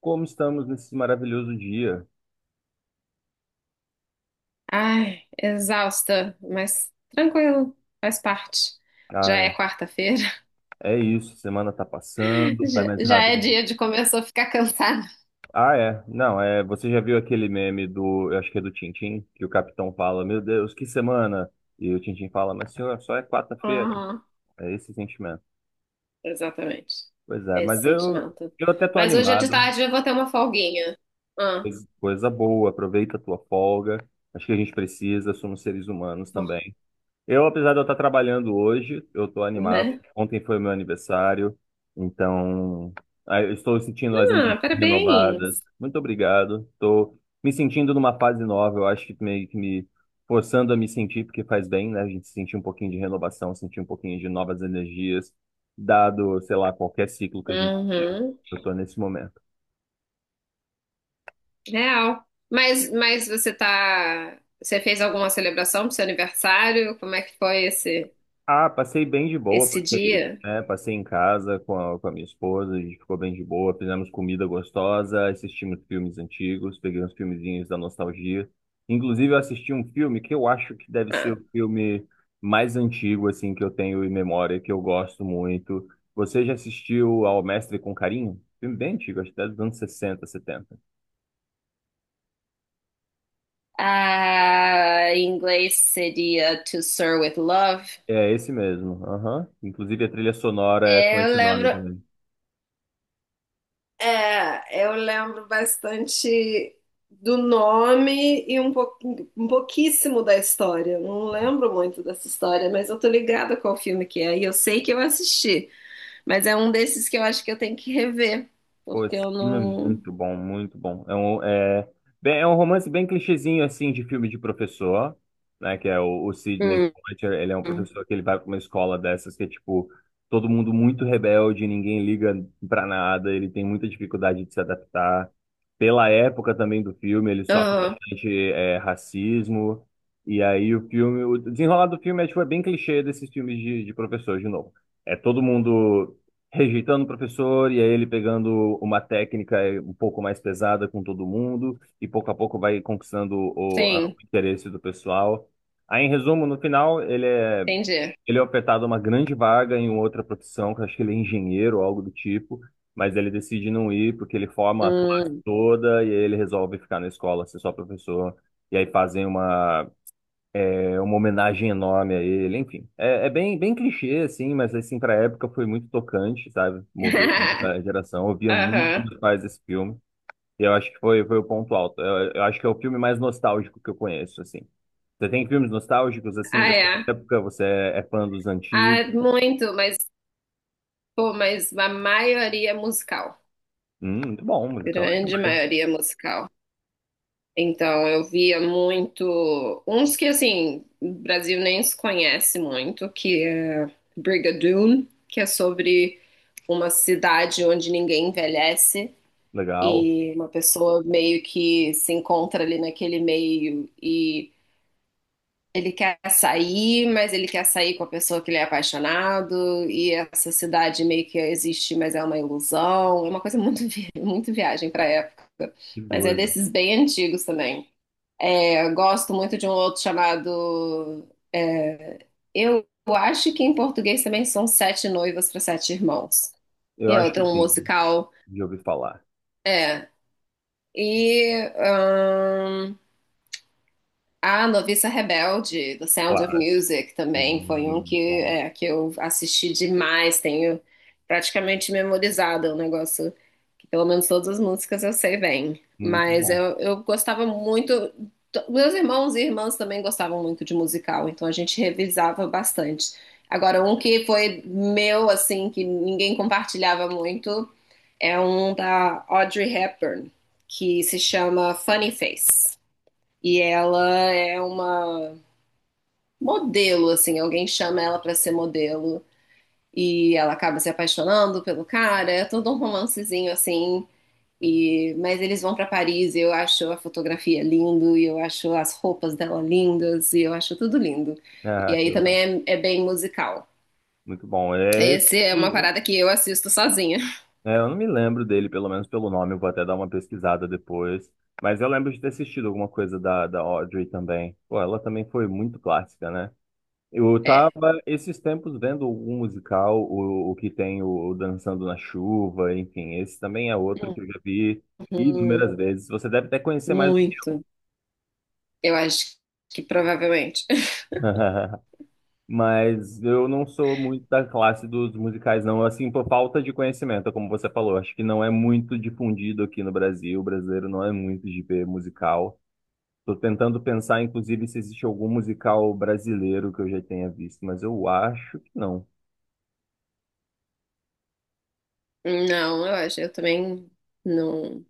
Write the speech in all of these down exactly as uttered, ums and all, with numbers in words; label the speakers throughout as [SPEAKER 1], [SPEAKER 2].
[SPEAKER 1] Como estamos nesse maravilhoso dia?
[SPEAKER 2] Ai, exausta, mas tranquilo, faz parte. Já é
[SPEAKER 1] Ah,
[SPEAKER 2] quarta-feira,
[SPEAKER 1] é isso, semana tá passando, vai
[SPEAKER 2] já,
[SPEAKER 1] mais
[SPEAKER 2] já é
[SPEAKER 1] rápido.
[SPEAKER 2] dia de começar a ficar cansada.
[SPEAKER 1] Ah, é. Não, é, você já viu aquele meme do, eu acho que é do Tintim, que o capitão fala: "Meu Deus, que semana!" E o Tintim fala: "Mas senhor, só é quarta-feira."
[SPEAKER 2] Aham,
[SPEAKER 1] É esse sentimento.
[SPEAKER 2] exatamente.
[SPEAKER 1] Pois é, mas
[SPEAKER 2] Esse
[SPEAKER 1] eu
[SPEAKER 2] sentimento.
[SPEAKER 1] eu até tô
[SPEAKER 2] Mas hoje é de
[SPEAKER 1] animado.
[SPEAKER 2] tarde eu vou ter uma folguinha. Ah,
[SPEAKER 1] Coisa, coisa boa, aproveita a tua folga. Acho que a gente precisa, somos seres humanos
[SPEAKER 2] vou,
[SPEAKER 1] também. Eu, apesar de eu estar trabalhando hoje, eu estou animado.
[SPEAKER 2] né?
[SPEAKER 1] Ontem foi meu aniversário, então ah, eu estou sentindo as energias
[SPEAKER 2] Ah,
[SPEAKER 1] renovadas.
[SPEAKER 2] parabéns.
[SPEAKER 1] Muito obrigado. Estou me sentindo numa fase nova. Eu acho que meio que me forçando a me sentir, porque faz bem, né? A gente sentir um pouquinho de renovação, sentir um pouquinho de novas energias, dado, sei lá, qualquer ciclo que a gente vive.
[SPEAKER 2] Uhum,
[SPEAKER 1] Eu estou nesse momento.
[SPEAKER 2] real. Mas, mas você tá, você fez alguma celebração pro seu aniversário? Como é que foi esse,
[SPEAKER 1] Ah, passei bem de boa,
[SPEAKER 2] esse
[SPEAKER 1] passei,
[SPEAKER 2] dia?
[SPEAKER 1] né, passei em casa com a, com a minha esposa, a gente ficou bem de boa, fizemos comida gostosa, assistimos filmes antigos, peguei uns filmezinhos da nostalgia. Inclusive, eu assisti um filme que eu acho que deve ser
[SPEAKER 2] Ah.
[SPEAKER 1] o filme mais antigo, assim, que eu tenho em memória, que eu gosto muito. Você já assistiu ao Mestre com Carinho? Filme bem antigo, acho que é dos anos sessenta, setenta.
[SPEAKER 2] Ah, em inglês seria To Sir with Love.
[SPEAKER 1] É esse mesmo, aham. Inclusive, a trilha sonora é com
[SPEAKER 2] É, eu
[SPEAKER 1] esse
[SPEAKER 2] lembro,
[SPEAKER 1] nome também.
[SPEAKER 2] é, eu lembro bastante do nome e um, pou- um pouquíssimo da história. Eu não lembro muito dessa história, mas eu tô ligada qual filme que é. E eu sei que eu assisti, mas é um desses que eu acho que eu tenho que rever,
[SPEAKER 1] Pô,
[SPEAKER 2] porque
[SPEAKER 1] esse
[SPEAKER 2] eu
[SPEAKER 1] filme é
[SPEAKER 2] não.
[SPEAKER 1] muito bom, muito bom. É um, é, bem, é um romance bem clichêzinho, assim, de filme de professor, né? Que é o, o Sidney
[SPEAKER 2] Hum.
[SPEAKER 1] Poitier, ele é um professor que ele vai pra uma escola dessas que é, tipo, todo mundo muito rebelde, ninguém liga pra nada, ele tem muita dificuldade de se adaptar. Pela época também do filme, ele sofre
[SPEAKER 2] Ah,
[SPEAKER 1] bastante, é, racismo. E aí o filme, o desenrolar do filme é, tipo, é bem clichê desses filmes de, de professor, de novo. É todo mundo rejeitando o professor e aí ele pegando uma técnica eh, um pouco mais pesada com todo mundo e pouco a pouco vai conquistando o, a- o
[SPEAKER 2] sim,
[SPEAKER 1] interesse do pessoal. Aí, em resumo, no final, ele é,
[SPEAKER 2] entendi.
[SPEAKER 1] ele é ofertado uma grande vaga em outra profissão, que eu acho que ele é engenheiro ou algo do tipo, mas ele decide não ir porque ele forma a classe
[SPEAKER 2] Hum.
[SPEAKER 1] toda e aí ele resolve ficar na escola, ser só professor, e aí fazem uma é uma homenagem enorme a ele, enfim. É, é bem, bem clichê, assim, mas assim, pra época foi muito tocante, sabe? Moveu muita geração. Eu via muito com
[SPEAKER 2] Aham.
[SPEAKER 1] meus pais esse filme. E eu acho que foi, foi o ponto alto. Eu, eu acho que é o filme mais nostálgico que eu conheço, assim. Você tem filmes nostálgicos, assim,
[SPEAKER 2] Ah,
[SPEAKER 1] dessa
[SPEAKER 2] é.
[SPEAKER 1] época? Você é, é fã dos
[SPEAKER 2] Ah,
[SPEAKER 1] antigos?
[SPEAKER 2] muito, mas pô, mas a maioria é musical,
[SPEAKER 1] Hum, muito bom, musical é
[SPEAKER 2] grande
[SPEAKER 1] demais.
[SPEAKER 2] maioria é musical. Então, eu via muito. Uns que, assim, o Brasil nem se conhece muito, que é Brigadoon, que é sobre uma cidade onde ninguém envelhece
[SPEAKER 1] Legal.
[SPEAKER 2] e uma pessoa meio que se encontra ali naquele meio e ele quer sair, mas ele quer sair com a pessoa que ele é apaixonado, e essa cidade meio que existe, mas é uma ilusão. É uma coisa muito, vi- muito viagem pra época.
[SPEAKER 1] Que
[SPEAKER 2] Mas é
[SPEAKER 1] doido.
[SPEAKER 2] desses bem antigos também. É, eu gosto muito de um outro chamado. Eu acho que em português também são Sete Noivas para Sete Irmãos.
[SPEAKER 1] Eu
[SPEAKER 2] E é
[SPEAKER 1] acho que
[SPEAKER 2] outro um
[SPEAKER 1] sim,
[SPEAKER 2] musical.
[SPEAKER 1] de ouvir falar.
[SPEAKER 2] É. E. A Noviça Rebelde, do Sound of
[SPEAKER 1] Clássico.
[SPEAKER 2] Music, também
[SPEAKER 1] Sim,
[SPEAKER 2] foi um
[SPEAKER 1] muito
[SPEAKER 2] que,
[SPEAKER 1] bom.
[SPEAKER 2] é, que eu assisti demais, tenho praticamente memorizado, é um negócio que pelo menos todas as músicas eu sei bem.
[SPEAKER 1] Muito
[SPEAKER 2] Mas
[SPEAKER 1] bom.
[SPEAKER 2] eu, eu gostava muito, t- meus irmãos e irmãs também gostavam muito de musical, então a gente revisava bastante. Agora, um que foi meu, assim, que ninguém compartilhava muito, é um da Audrey Hepburn, que se chama Funny Face. E ela é uma modelo, assim, alguém chama ela pra ser modelo e ela acaba se apaixonando pelo cara, é todo um romancezinho assim. E mas eles vão pra Paris e eu acho a fotografia lindo e eu acho as roupas dela lindas e eu acho tudo lindo. E
[SPEAKER 1] Ah, que
[SPEAKER 2] aí
[SPEAKER 1] legal.
[SPEAKER 2] também é, é bem musical.
[SPEAKER 1] Muito bom. É esse.
[SPEAKER 2] Esse é uma parada que eu assisto sozinha.
[SPEAKER 1] É, eu não me lembro dele, pelo menos pelo nome, eu vou até dar uma pesquisada depois. Mas eu lembro de ter assistido alguma coisa da, da Audrey também. Pô, ela também foi muito clássica, né? Eu tava
[SPEAKER 2] É.
[SPEAKER 1] esses tempos vendo um musical, o, o que tem o Dançando na Chuva, enfim, esse também é outro que eu já vi
[SPEAKER 2] Uhum,
[SPEAKER 1] inúmeras vezes. Você deve até conhecer mais do que
[SPEAKER 2] muito. Eu acho que provavelmente.
[SPEAKER 1] eu. Mas eu não sou muito da classe dos musicais, não. Assim, por falta de conhecimento, como você falou. Acho que não é muito difundido aqui no Brasil. O brasileiro não é muito de ver musical. Tô tentando pensar, inclusive, se existe algum musical brasileiro que eu já tenha visto, mas eu acho que não.
[SPEAKER 2] Não, eu acho, eu também não.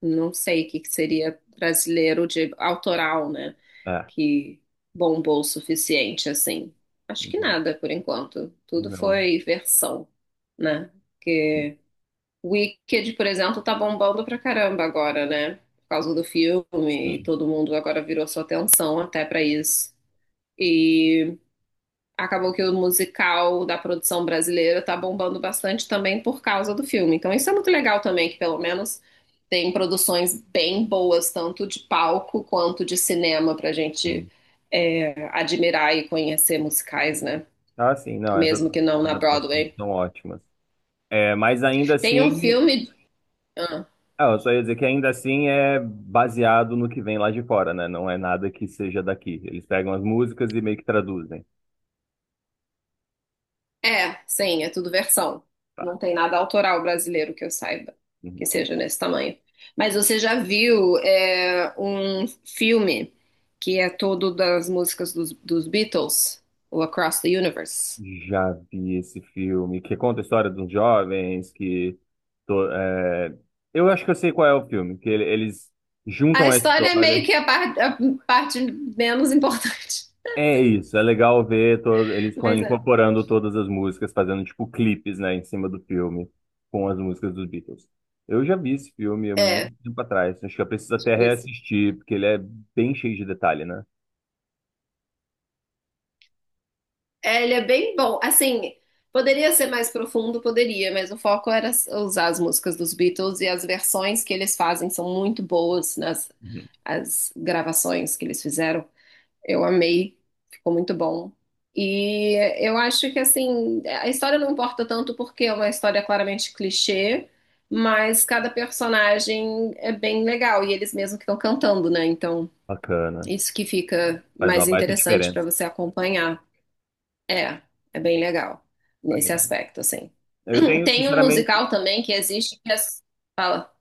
[SPEAKER 2] Não sei o que que seria brasileiro de autoral, né?
[SPEAKER 1] É,
[SPEAKER 2] Que bombou o suficiente, assim. Acho que
[SPEAKER 1] uhum,
[SPEAKER 2] nada, por enquanto. Tudo
[SPEAKER 1] não.
[SPEAKER 2] foi versão, né?
[SPEAKER 1] Sim,
[SPEAKER 2] Porque Wicked, por exemplo, tá bombando pra caramba agora, né? Por causa do filme,
[SPEAKER 1] sim.
[SPEAKER 2] todo mundo agora virou sua atenção até pra isso. E acabou que o musical da produção brasileira tá bombando bastante também por causa do filme. Então isso é muito legal também, que pelo menos tem produções bem boas, tanto de palco quanto de cinema, pra gente
[SPEAKER 1] sim.
[SPEAKER 2] é, admirar e conhecer musicais, né?
[SPEAKER 1] Ah, sim, não. Essas
[SPEAKER 2] Mesmo que não na
[SPEAKER 1] adaptações
[SPEAKER 2] Broadway.
[SPEAKER 1] são ótimas. É, mas ainda
[SPEAKER 2] Tem um
[SPEAKER 1] assim.
[SPEAKER 2] filme. Ah,
[SPEAKER 1] Ah, eu só ia dizer que ainda assim é baseado no que vem lá de fora, né? Não é nada que seja daqui. Eles pegam as músicas e meio que traduzem.
[SPEAKER 2] é, sim, é tudo versão.
[SPEAKER 1] Tá.
[SPEAKER 2] Não tem nada autoral brasileiro que eu saiba que seja nesse tamanho. Mas você já viu é, um filme que é todo das músicas dos, dos Beatles, o Across the Universe?
[SPEAKER 1] Já vi esse filme que conta a história de uns jovens que. to- é, Eu acho que eu sei qual é o filme, que ele- eles
[SPEAKER 2] A
[SPEAKER 1] juntam a
[SPEAKER 2] história é
[SPEAKER 1] história.
[SPEAKER 2] meio que a, par- a parte menos importante,
[SPEAKER 1] É isso, é legal ver to- eles co-
[SPEAKER 2] mas é,
[SPEAKER 1] incorporando todas as músicas, fazendo tipo clipes, né, em cima do filme, com as músicas dos Beatles. Eu já vi esse filme há muito
[SPEAKER 2] é,
[SPEAKER 1] tempo atrás, acho que eu preciso até
[SPEAKER 2] tipo isso.
[SPEAKER 1] reassistir, porque ele é bem cheio de detalhe, né?
[SPEAKER 2] É, ele é bem bom. Assim, poderia ser mais profundo, poderia, mas o foco era s- usar as músicas dos Beatles e as versões que eles fazem são muito boas nas
[SPEAKER 1] Uhum.
[SPEAKER 2] as gravações que eles fizeram. Eu amei, ficou muito bom. E eu acho que assim, a história não importa tanto porque é uma história claramente clichê, mas cada personagem é bem legal e eles mesmos que estão cantando, né? Então,
[SPEAKER 1] Bacana,
[SPEAKER 2] isso que fica
[SPEAKER 1] faz uma
[SPEAKER 2] mais
[SPEAKER 1] baita
[SPEAKER 2] interessante para
[SPEAKER 1] diferença.
[SPEAKER 2] você acompanhar. É, é bem legal nesse
[SPEAKER 1] Maneiro.
[SPEAKER 2] aspecto, assim.
[SPEAKER 1] Eu tenho,
[SPEAKER 2] Tem um
[SPEAKER 1] sinceramente,
[SPEAKER 2] musical também que existe que as- fala,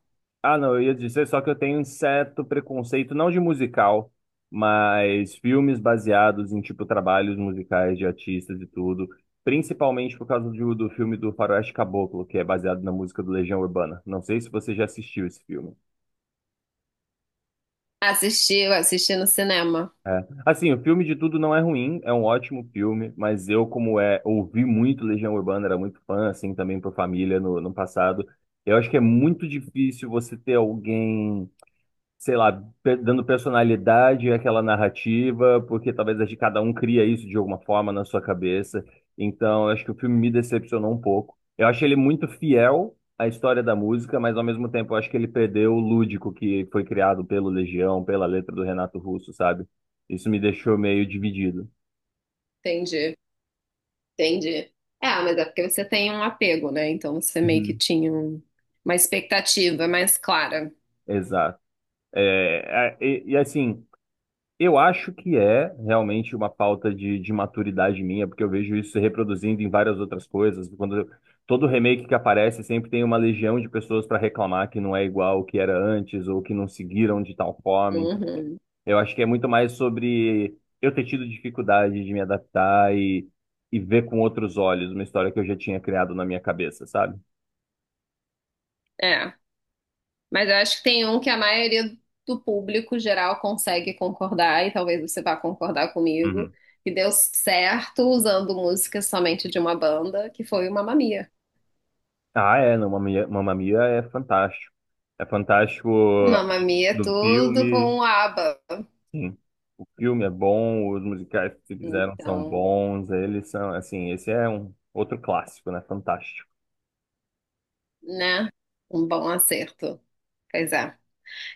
[SPEAKER 1] Ah, não, eu ia dizer só que eu tenho um certo preconceito, não de musical, mas filmes baseados em, tipo, trabalhos musicais de artistas e tudo. Principalmente por causa do, do filme do Faroeste Caboclo, que é baseado na música do Legião Urbana. Não sei se você já assistiu esse filme.
[SPEAKER 2] assistiu, assisti no cinema.
[SPEAKER 1] Assim, o filme de tudo não é ruim, é um ótimo filme, mas eu, como é, ouvi muito Legião Urbana, era muito fã, assim, também por família no, no passado. Eu acho que é muito difícil você ter alguém. Sei lá, pe- dando personalidade àquela narrativa, porque talvez a de cada um cria isso de alguma forma na sua cabeça. Então, eu acho que o filme me decepcionou um pouco. Eu achei ele muito fiel à história da música, mas ao mesmo tempo eu acho que ele perdeu o lúdico que foi criado pelo Legião, pela letra do Renato Russo, sabe? Isso me deixou meio dividido.
[SPEAKER 2] Entendi, entendi. É, mas é porque você tem um apego, né? Então você meio que
[SPEAKER 1] Uhum.
[SPEAKER 2] tinha um- uma expectativa mais clara.
[SPEAKER 1] Exato. É, a- e, e, assim, Eu acho que é realmente uma falta de, de maturidade minha, porque eu vejo isso se reproduzindo em várias outras coisas. Quando eu- todo remake que aparece, sempre tem uma legião de pessoas para reclamar que não é igual o que era antes ou que não seguiram de tal forma. Então,
[SPEAKER 2] Uhum.
[SPEAKER 1] eu acho que é muito mais sobre eu ter tido dificuldade de me adaptar e, e ver com outros olhos uma história que eu já tinha criado na minha cabeça, sabe?
[SPEAKER 2] É, mas eu acho que tem um que a maioria do público geral consegue concordar, e talvez você vá concordar comigo,
[SPEAKER 1] Uhum.
[SPEAKER 2] que deu certo usando música somente de uma banda, que foi o Mamma Mia.
[SPEAKER 1] Ah, é, não, Mamma Mia Mamma Mia é fantástico. É fantástico
[SPEAKER 2] Mamma Mia é
[SPEAKER 1] do
[SPEAKER 2] tudo
[SPEAKER 1] filme.
[SPEAKER 2] com o ABBA.
[SPEAKER 1] Sim. O filme é bom, os musicais que se fizeram são
[SPEAKER 2] Então,
[SPEAKER 1] bons, eles são, assim, esse é um outro clássico, né? Fantástico.
[SPEAKER 2] né? Um bom acerto. Pois é.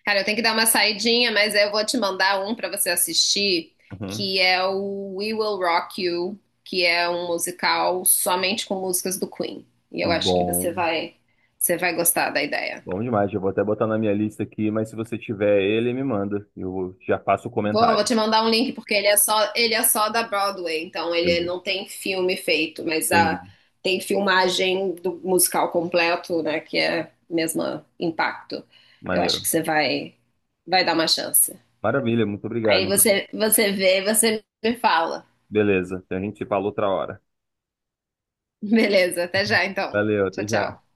[SPEAKER 2] Cara, eu tenho que dar uma saidinha, mas eu vou te mandar um pra você assistir,
[SPEAKER 1] Uhum.
[SPEAKER 2] que é o We Will Rock You, que é um musical somente com músicas do Queen. E eu acho que
[SPEAKER 1] Bom,
[SPEAKER 2] você vai, você vai gostar da ideia.
[SPEAKER 1] bom demais. Eu vou até botar na minha lista aqui, mas se você tiver ele, me manda. Eu já faço o
[SPEAKER 2] Vou, vou
[SPEAKER 1] comentário.
[SPEAKER 2] te mandar um link porque ele é só ele é só da Broadway, então ele
[SPEAKER 1] Entendi.
[SPEAKER 2] não tem filme feito, mas
[SPEAKER 1] Entendi.
[SPEAKER 2] a, tem filmagem do musical completo, né, que é o mesmo impacto. Eu acho
[SPEAKER 1] Maneiro.
[SPEAKER 2] que você vai vai dar uma chance.
[SPEAKER 1] Maravilha, muito obrigado,
[SPEAKER 2] Aí
[SPEAKER 1] então.
[SPEAKER 2] você você vê, você me fala.
[SPEAKER 1] Beleza, então a gente se fala outra hora.
[SPEAKER 2] Beleza, até já então.
[SPEAKER 1] Valeu,
[SPEAKER 2] Tchau,
[SPEAKER 1] até já.
[SPEAKER 2] tchau.